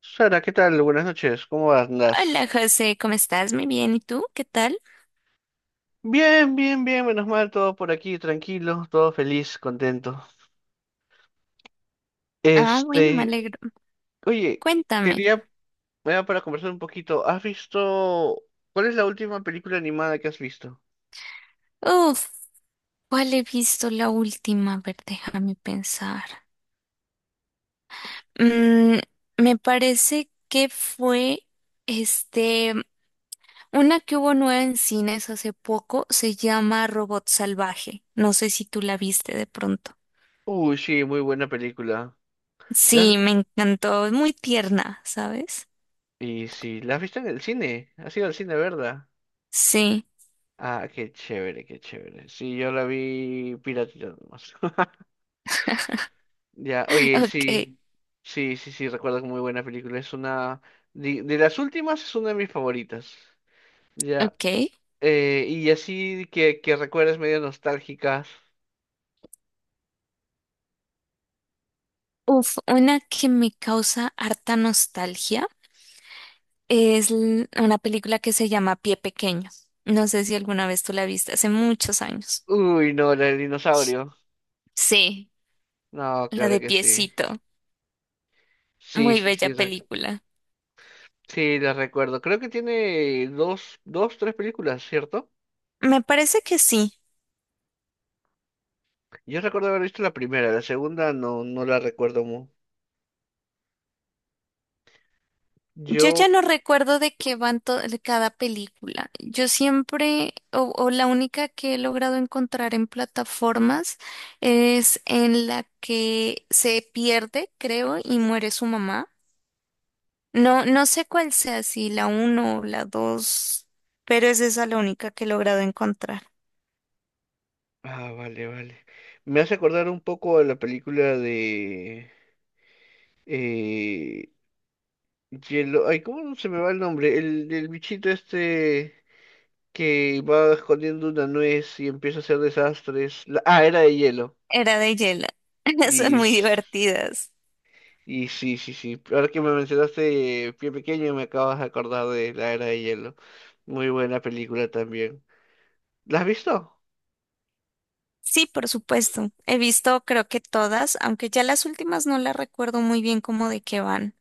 Sara, ¿qué tal? Buenas noches, ¿cómo Hola andas? José, ¿cómo estás? Muy bien. ¿Y tú? ¿Qué tal? Bien, bien, bien, menos mal, todo por aquí, tranquilo, todo feliz, contento. Ah, bueno, me Este, alegro. oye, Cuéntame. quería, bueno, para conversar un poquito, ¿cuál es la última película animada que has visto? Uf, ¿Cuál he visto la última? A ver, déjame pensar. Mm, me parece que fue este, una que hubo nueva en cines hace poco, se llama Robot Salvaje. No sé si tú la viste de pronto. Uy, sí, muy buena película. ¿La- has- Sí, me encantó, es muy tierna, ¿sabes? Y sí, ¿la has visto en el cine? ¿Has ido al cine, verdad? Sí, Ah, qué chévere, qué chévere. Sí, yo la vi piratita nomás. Ya, oye, ok, sí, sí, sí, sí, recuerdo que muy buena película. Es una, de las últimas es una de mis favoritas. Ya, ok. Y así que recuerdas medio nostálgicas. Una que me causa harta nostalgia. Una película que se llama Pie Pequeño. No sé si alguna vez tú la viste, hace muchos años. Uy, no, la del dinosaurio. Sí. No, La claro de que sí. Piecito. Sí, Muy sí, bella sí, película. sí, la recuerdo. Creo que tiene dos, tres películas, ¿cierto? Me parece que sí. Yo recuerdo haber visto la primera, la segunda no la recuerdo mucho. Yo ya Yo, no recuerdo de qué van to- de cada película. Yo siempre, o la única que he logrado encontrar en plataformas es en la que se pierde, creo, y muere su mamá. No, no sé cuál sea, si la uno o la dos, pero es esa la única que he logrado encontrar. ah, vale, vale. Me hace acordar un poco a la película de... Eh, hielo, ay, ¿cómo se me va el nombre? El bichito este que va escondiendo una nuez y empieza a hacer desastres. Ah, era de hielo. Era de Yela. Son Y, muy s- divertidas. y sí, sí, sí. Ahora que me mencionaste Pie Pequeño, me acabas de acordar de la era de hielo. Muy buena película también. ¿La has visto? Sí, por supuesto. He visto creo que todas, aunque ya las últimas no las recuerdo muy bien cómo de qué van,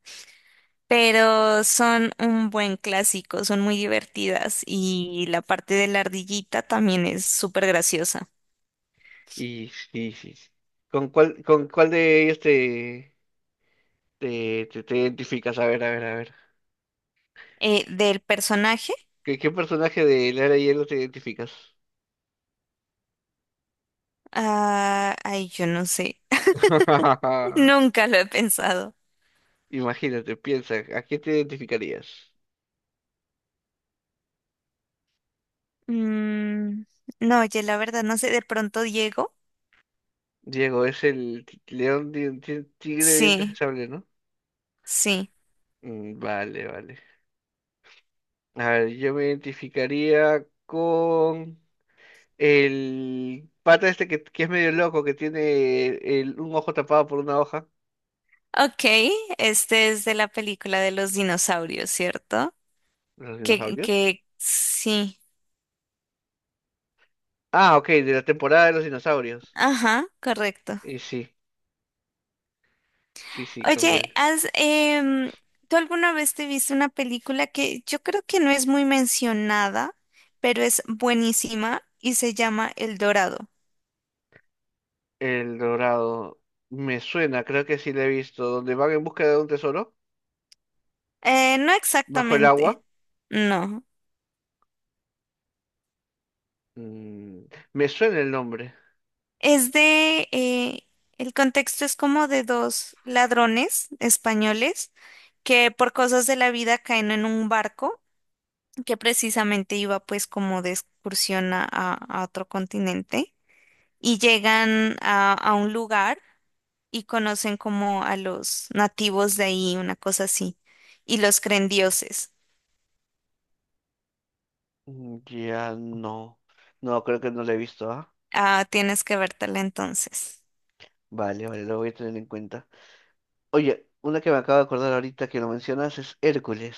pero son un buen clásico, son muy divertidas y la parte de la ardillita también es súper graciosa. Y sí, sí, sí. Con cuál de ellos te identificas? A ver, a ver, a ver. Del personaje, ¿Qué, qué personaje de la era de hielo te identificas? Yo no sé, nunca lo he pensado. Imagínate, piensa, ¿a qué te identificarías? Mm, no, oye, la verdad, no sé, de pronto Diego. Diego, es el león, tigre de dientes de Sí, sable, ¿no? sí. Mm, vale, vale. A ver, yo me identificaría con el pata este que es medio loco, que tiene un ojo tapado por una hoja. Ok, este es de la película de los dinosaurios, ¿cierto? ¿Los dinosaurios? Que sí. Ah, ok, de la temporada de los dinosaurios. Ajá, correcto. Y sí, sí, sí, con Oye, él. ¿Tú alguna vez te viste una película que yo creo que no es muy mencionada, pero es buenísima y se llama El Dorado? El Dorado. Me suena, creo que sí lo he visto. Donde van en busca de un tesoro, No bajo el exactamente, agua. no. Mm, me suena el nombre. Es de, eh, el contexto es como de dos ladrones españoles que por cosas de la vida caen en un barco que precisamente iba pues como de excursión a otro continente y llegan a un lugar y conocen como a los nativos de ahí, una cosa así, y los creen dioses. Mm, ya no. No, creo que no lo he visto, ¿ah? Ah, tienes que vértela entonces. Vale, vale, lo voy a tener en cuenta. Oye, una que me acabo de acordar ahorita que lo mencionas es Hércules.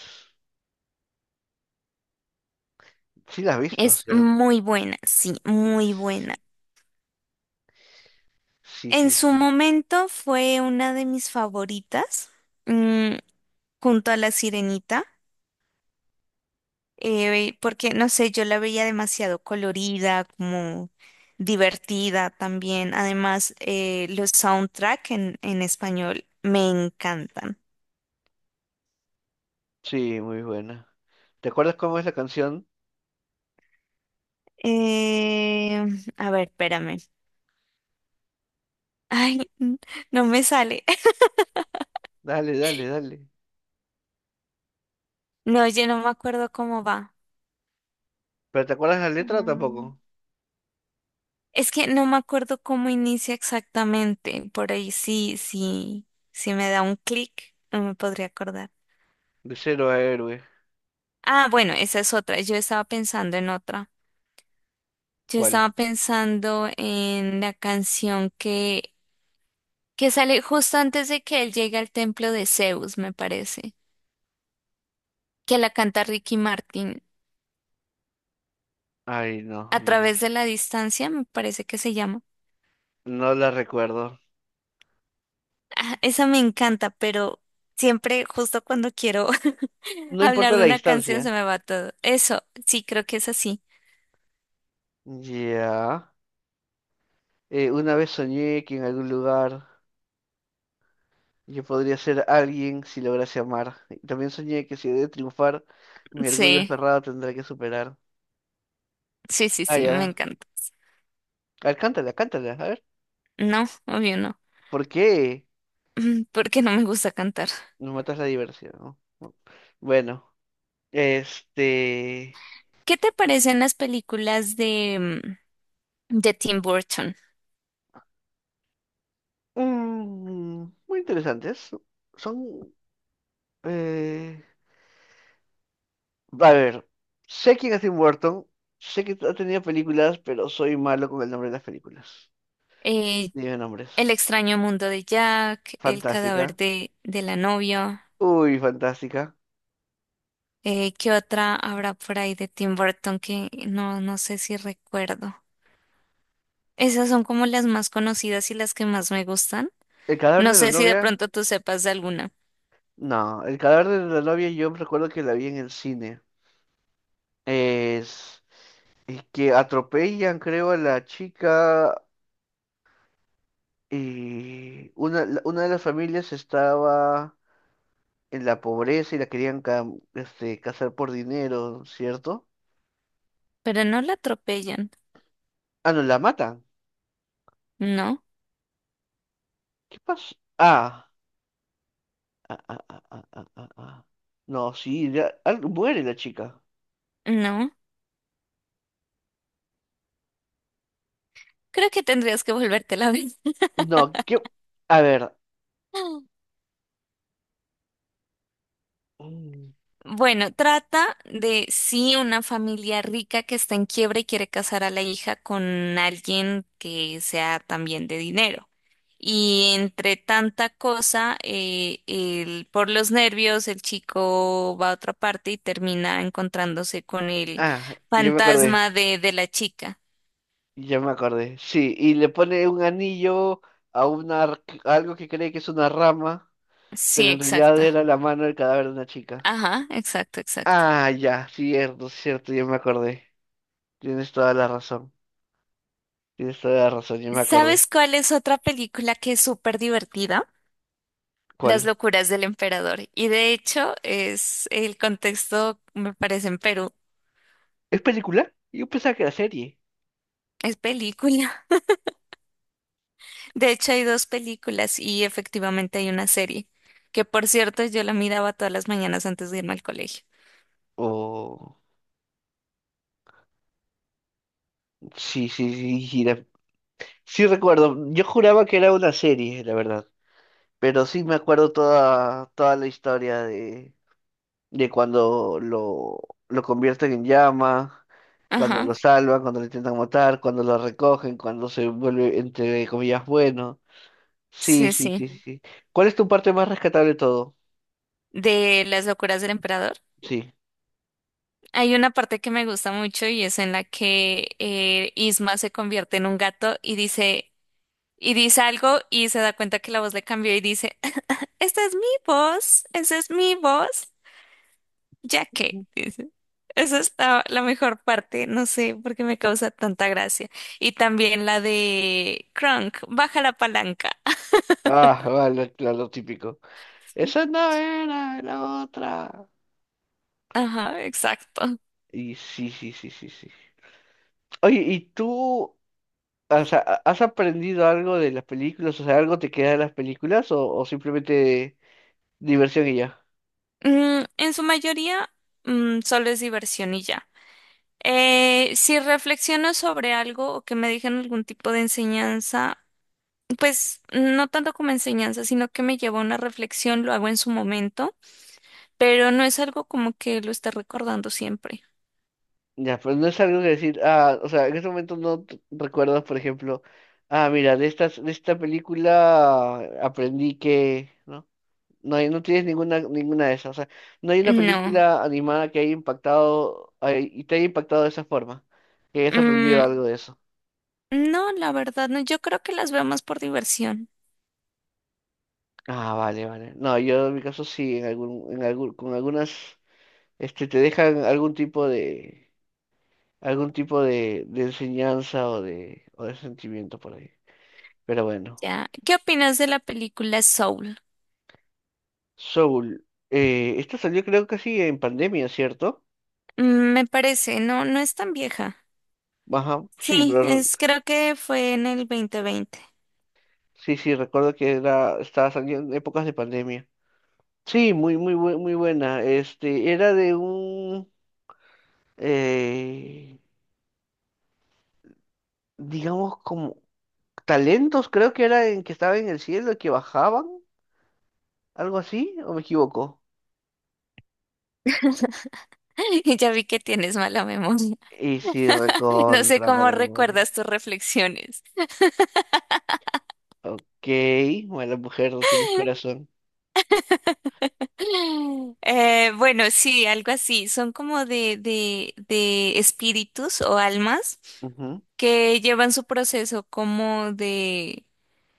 Sí la has visto, Es ¿cierto? muy buena, sí, Y muy buena. sí, sí, En sí, su sí. momento fue una de mis favoritas, mm, junto a La Sirenita, porque no sé, yo la veía demasiado colorida, como divertida también. Además, los soundtrack en español me encantan. Sí, muy buena. ¿Te acuerdas cómo es la canción? Eh, a ver, espérame. Ay, n- no me sale. Dale, dale, dale. No, yo no me acuerdo cómo va. ¿Pero te acuerdas la letra tampoco? Es que no me acuerdo cómo inicia exactamente. Por ahí sí, sí, sí me da un clic, no me podría acordar. De cero a héroe. Ah, bueno, esa es otra. Yo estaba pensando en otra. Yo ¿Cuál? estaba pensando en que sale justo antes de que él llegue al templo de Zeus, me parece. Que la canta Ricky Martin. Ay, no, A no, través de la distancia, me parece que se llama. no la recuerdo. Ah, esa me encanta, pero siempre justo cuando quiero No hablar importa de la una canción distancia. se me va todo. Eso, sí, creo que es así. Ya. Una vez soñé que en algún lugar yo podría ser alguien si lograse amar. Y también soñé que si he de triunfar, mi orgullo Sí, aferrado tendrá que superar. sí, sí, Ah, sí, me ya. encanta. A ver, cántala, cántala. A ver, No, obvio no. ¿por qué Porque no me gusta cantar. nos matas la diversión? ¿No? No. Bueno, este... ¿Qué te parecen las películas de Tim Burton? mm, muy interesantes. Son... eh, a ver, sé quién es Tim Burton, sé que ha tenido películas, pero soy malo con el nombre de las películas. Eh, Dime El nombres. extraño mundo de Jack, Fantástica. De la novia. Uy, fantástica. ¿Qué otra habrá por ahí de Tim Burton que no, no sé si recuerdo? Esas son como las más conocidas y las que más me gustan. ¿El cadáver No de la sé si de novia? pronto tú sepas de alguna, No, el cadáver de la novia yo recuerdo que la vi en el cine. Es, es que atropellan, creo, a la chica y una de las familias estaba en la pobreza y la querían este, casar por dinero, ¿cierto? pero no la atropellan. Ah, no, la matan. No, ¿Qué pasó? Ah, ah, ah, ah, ah, ah, ah, ah. No, sí, muere la chica. no. Creo que tendrías que volvértela a ver. No, ¿qué? A ver. Mm, Bueno, trata de sí una familia rica que está en quiebra y quiere casar a la hija con alguien que sea también de dinero. Y entre tanta cosa, por los nervios, el chico va a otra parte y termina encontrándose con el ah, yo me acordé. De la chica. Ya me acordé. Sí, y le pone un anillo a a algo que cree que es una rama, pero Sí, en realidad exacto. era la mano del cadáver de una chica. Ajá, exacto, exacto. Ah, ya, cierto, cierto, ya me acordé. Tienes toda la razón. Tienes toda la razón, ya me acordé. ¿Sabes cuál es otra película que es súper divertida? Las ¿Cuál? locuras del emperador. Y de hecho, es el contexto, me parece, en Perú. ¿Es película? Yo pensaba que era serie. Es película. De hecho, hay dos películas y efectivamente hay una serie, que por cierto yo la miraba todas las mañanas antes de irme al colegio. Oh, sí, sí, sí, sí, sí recuerdo. Yo juraba que era una serie, la verdad. Pero sí me acuerdo toda, toda la historia de cuando lo convierten en llama, cuando Ajá, lo salvan, cuando lo intentan matar, cuando lo recogen, cuando se vuelve, entre comillas, bueno. Sí, sí, sí, sí, sí. sí, sí. ¿Cuál es tu parte más rescatable de todo? De las locuras del emperador. Sí. Hay una parte que me gusta mucho y es en la que Isma se convierte en un gato y dice algo y se da cuenta que la voz le cambió y dice, "Ah, esta es mi voz, esa es mi voz. Ya que", Ujú. dice. Esa es la mejor parte, no sé por qué me causa tanta gracia. Y también la de Crunk, baja la palanca. Ah, vale, claro, lo típico. Esa no era la otra. Ajá, exacto. Y sí, sí, sí, sí, sí. Oye, ¿y tú, o sea, has aprendido algo de las películas? O sea, ¿algo te queda de las películas o simplemente diversión y ya? En su mayoría, solo es diversión y ya. Si reflexiono sobre algo o que me dejen algún tipo de enseñanza, pues no tanto como enseñanza, sino que me lleva a una reflexión, lo hago en su momento, pero no es algo como que lo esté recordando siempre. Ya, pero no es algo que decir, ah, o sea, en ese momento no recuerdas, por ejemplo, ah, mira, de de esta película aprendí que, ¿no? No hay, no tienes ninguna, ninguna de esas, o sea, no hay una No. película animada que haya impactado, ay, y te haya impactado de esa forma, que hayas aprendido Mm, algo de eso. no, la verdad no. Yo creo que las vemos por diversión. Ah, vale, vale. No, yo en mi caso sí, en algún, con algunas, este, te dejan algún tipo de, algún tipo de enseñanza o de sentimiento por ahí. Pero bueno. Ya. ¿Qué opinas de la película Soul? Soul, esto salió creo que sí en pandemia, ¿cierto? Mm, me parece, no, no es tan vieja. Ajá, sí, Sí, pero es, creo que fue en el 2020. sí, sí, recuerdo que estaba saliendo en épocas de pandemia. Sí, muy, muy, muy buena. Este, era de eh, digamos, como talentos, creo que era en que estaba en el cielo, que bajaban, algo así, ¿o me equivoco? Y ya vi que tienes mala memoria. Y sí, No sé recontra cómo para la memoria. recuerdas tus reflexiones. Ok, bueno, mujer, no tienes corazón. Bueno, sí, algo así. Son como de espíritus o almas Ujú, que llevan su proceso como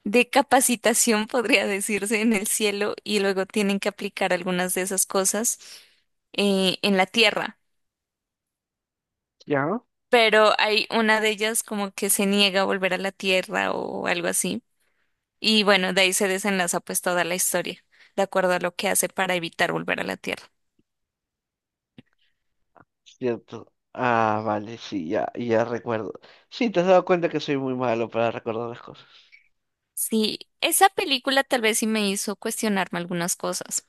de capacitación, podría decirse, en el cielo y luego tienen que aplicar algunas de esas cosas en la tierra. ¿ya? Pero hay una de ellas como que se niega a volver a la tierra o algo así. Y bueno, de ahí se desenlaza pues toda la historia, de acuerdo a lo que hace para evitar volver a la tierra. Cierto. Ah, vale, sí, ya, ya recuerdo. Sí, te has dado cuenta que soy muy malo para recordar las cosas. Sí, esa película tal vez sí me hizo cuestionarme algunas cosas.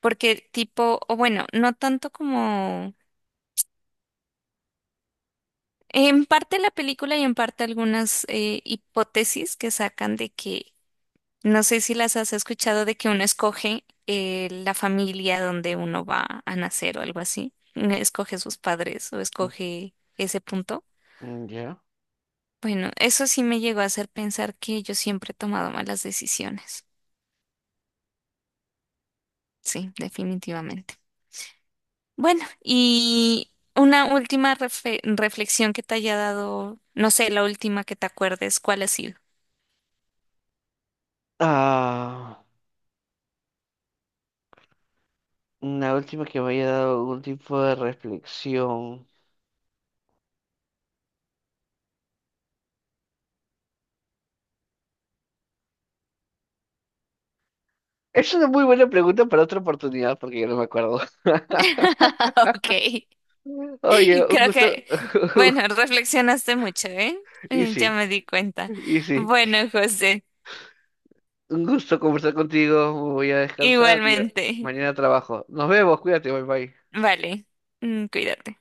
Porque tipo, o bueno, no tanto como en parte la película y en parte algunas hipótesis que sacan de que, no sé si las has escuchado, de que uno escoge la familia donde uno va a nacer o algo así. Uno escoge sus padres o Mm, escoge ese punto. mm, ya. Bueno, eso sí me llegó a hacer pensar que yo siempre he tomado malas decisiones. Sí, definitivamente. Bueno, y una última reflexión que te haya dado, no sé, la última que te acuerdes, ¿cuál ha sido? Ah, una última que me haya dado algún tipo de reflexión. Es una muy buena pregunta para otra oportunidad porque yo no me acuerdo. Ok. Oye, un Creo gusto. que, bueno, reflexionaste mucho, ¿eh? Y Ya sí, me di cuenta. y sí. Bueno, José, Un gusto conversar contigo. Voy a descansar y igualmente. mañana trabajo. Nos vemos, cuídate, bye bye. Vale, cuídate.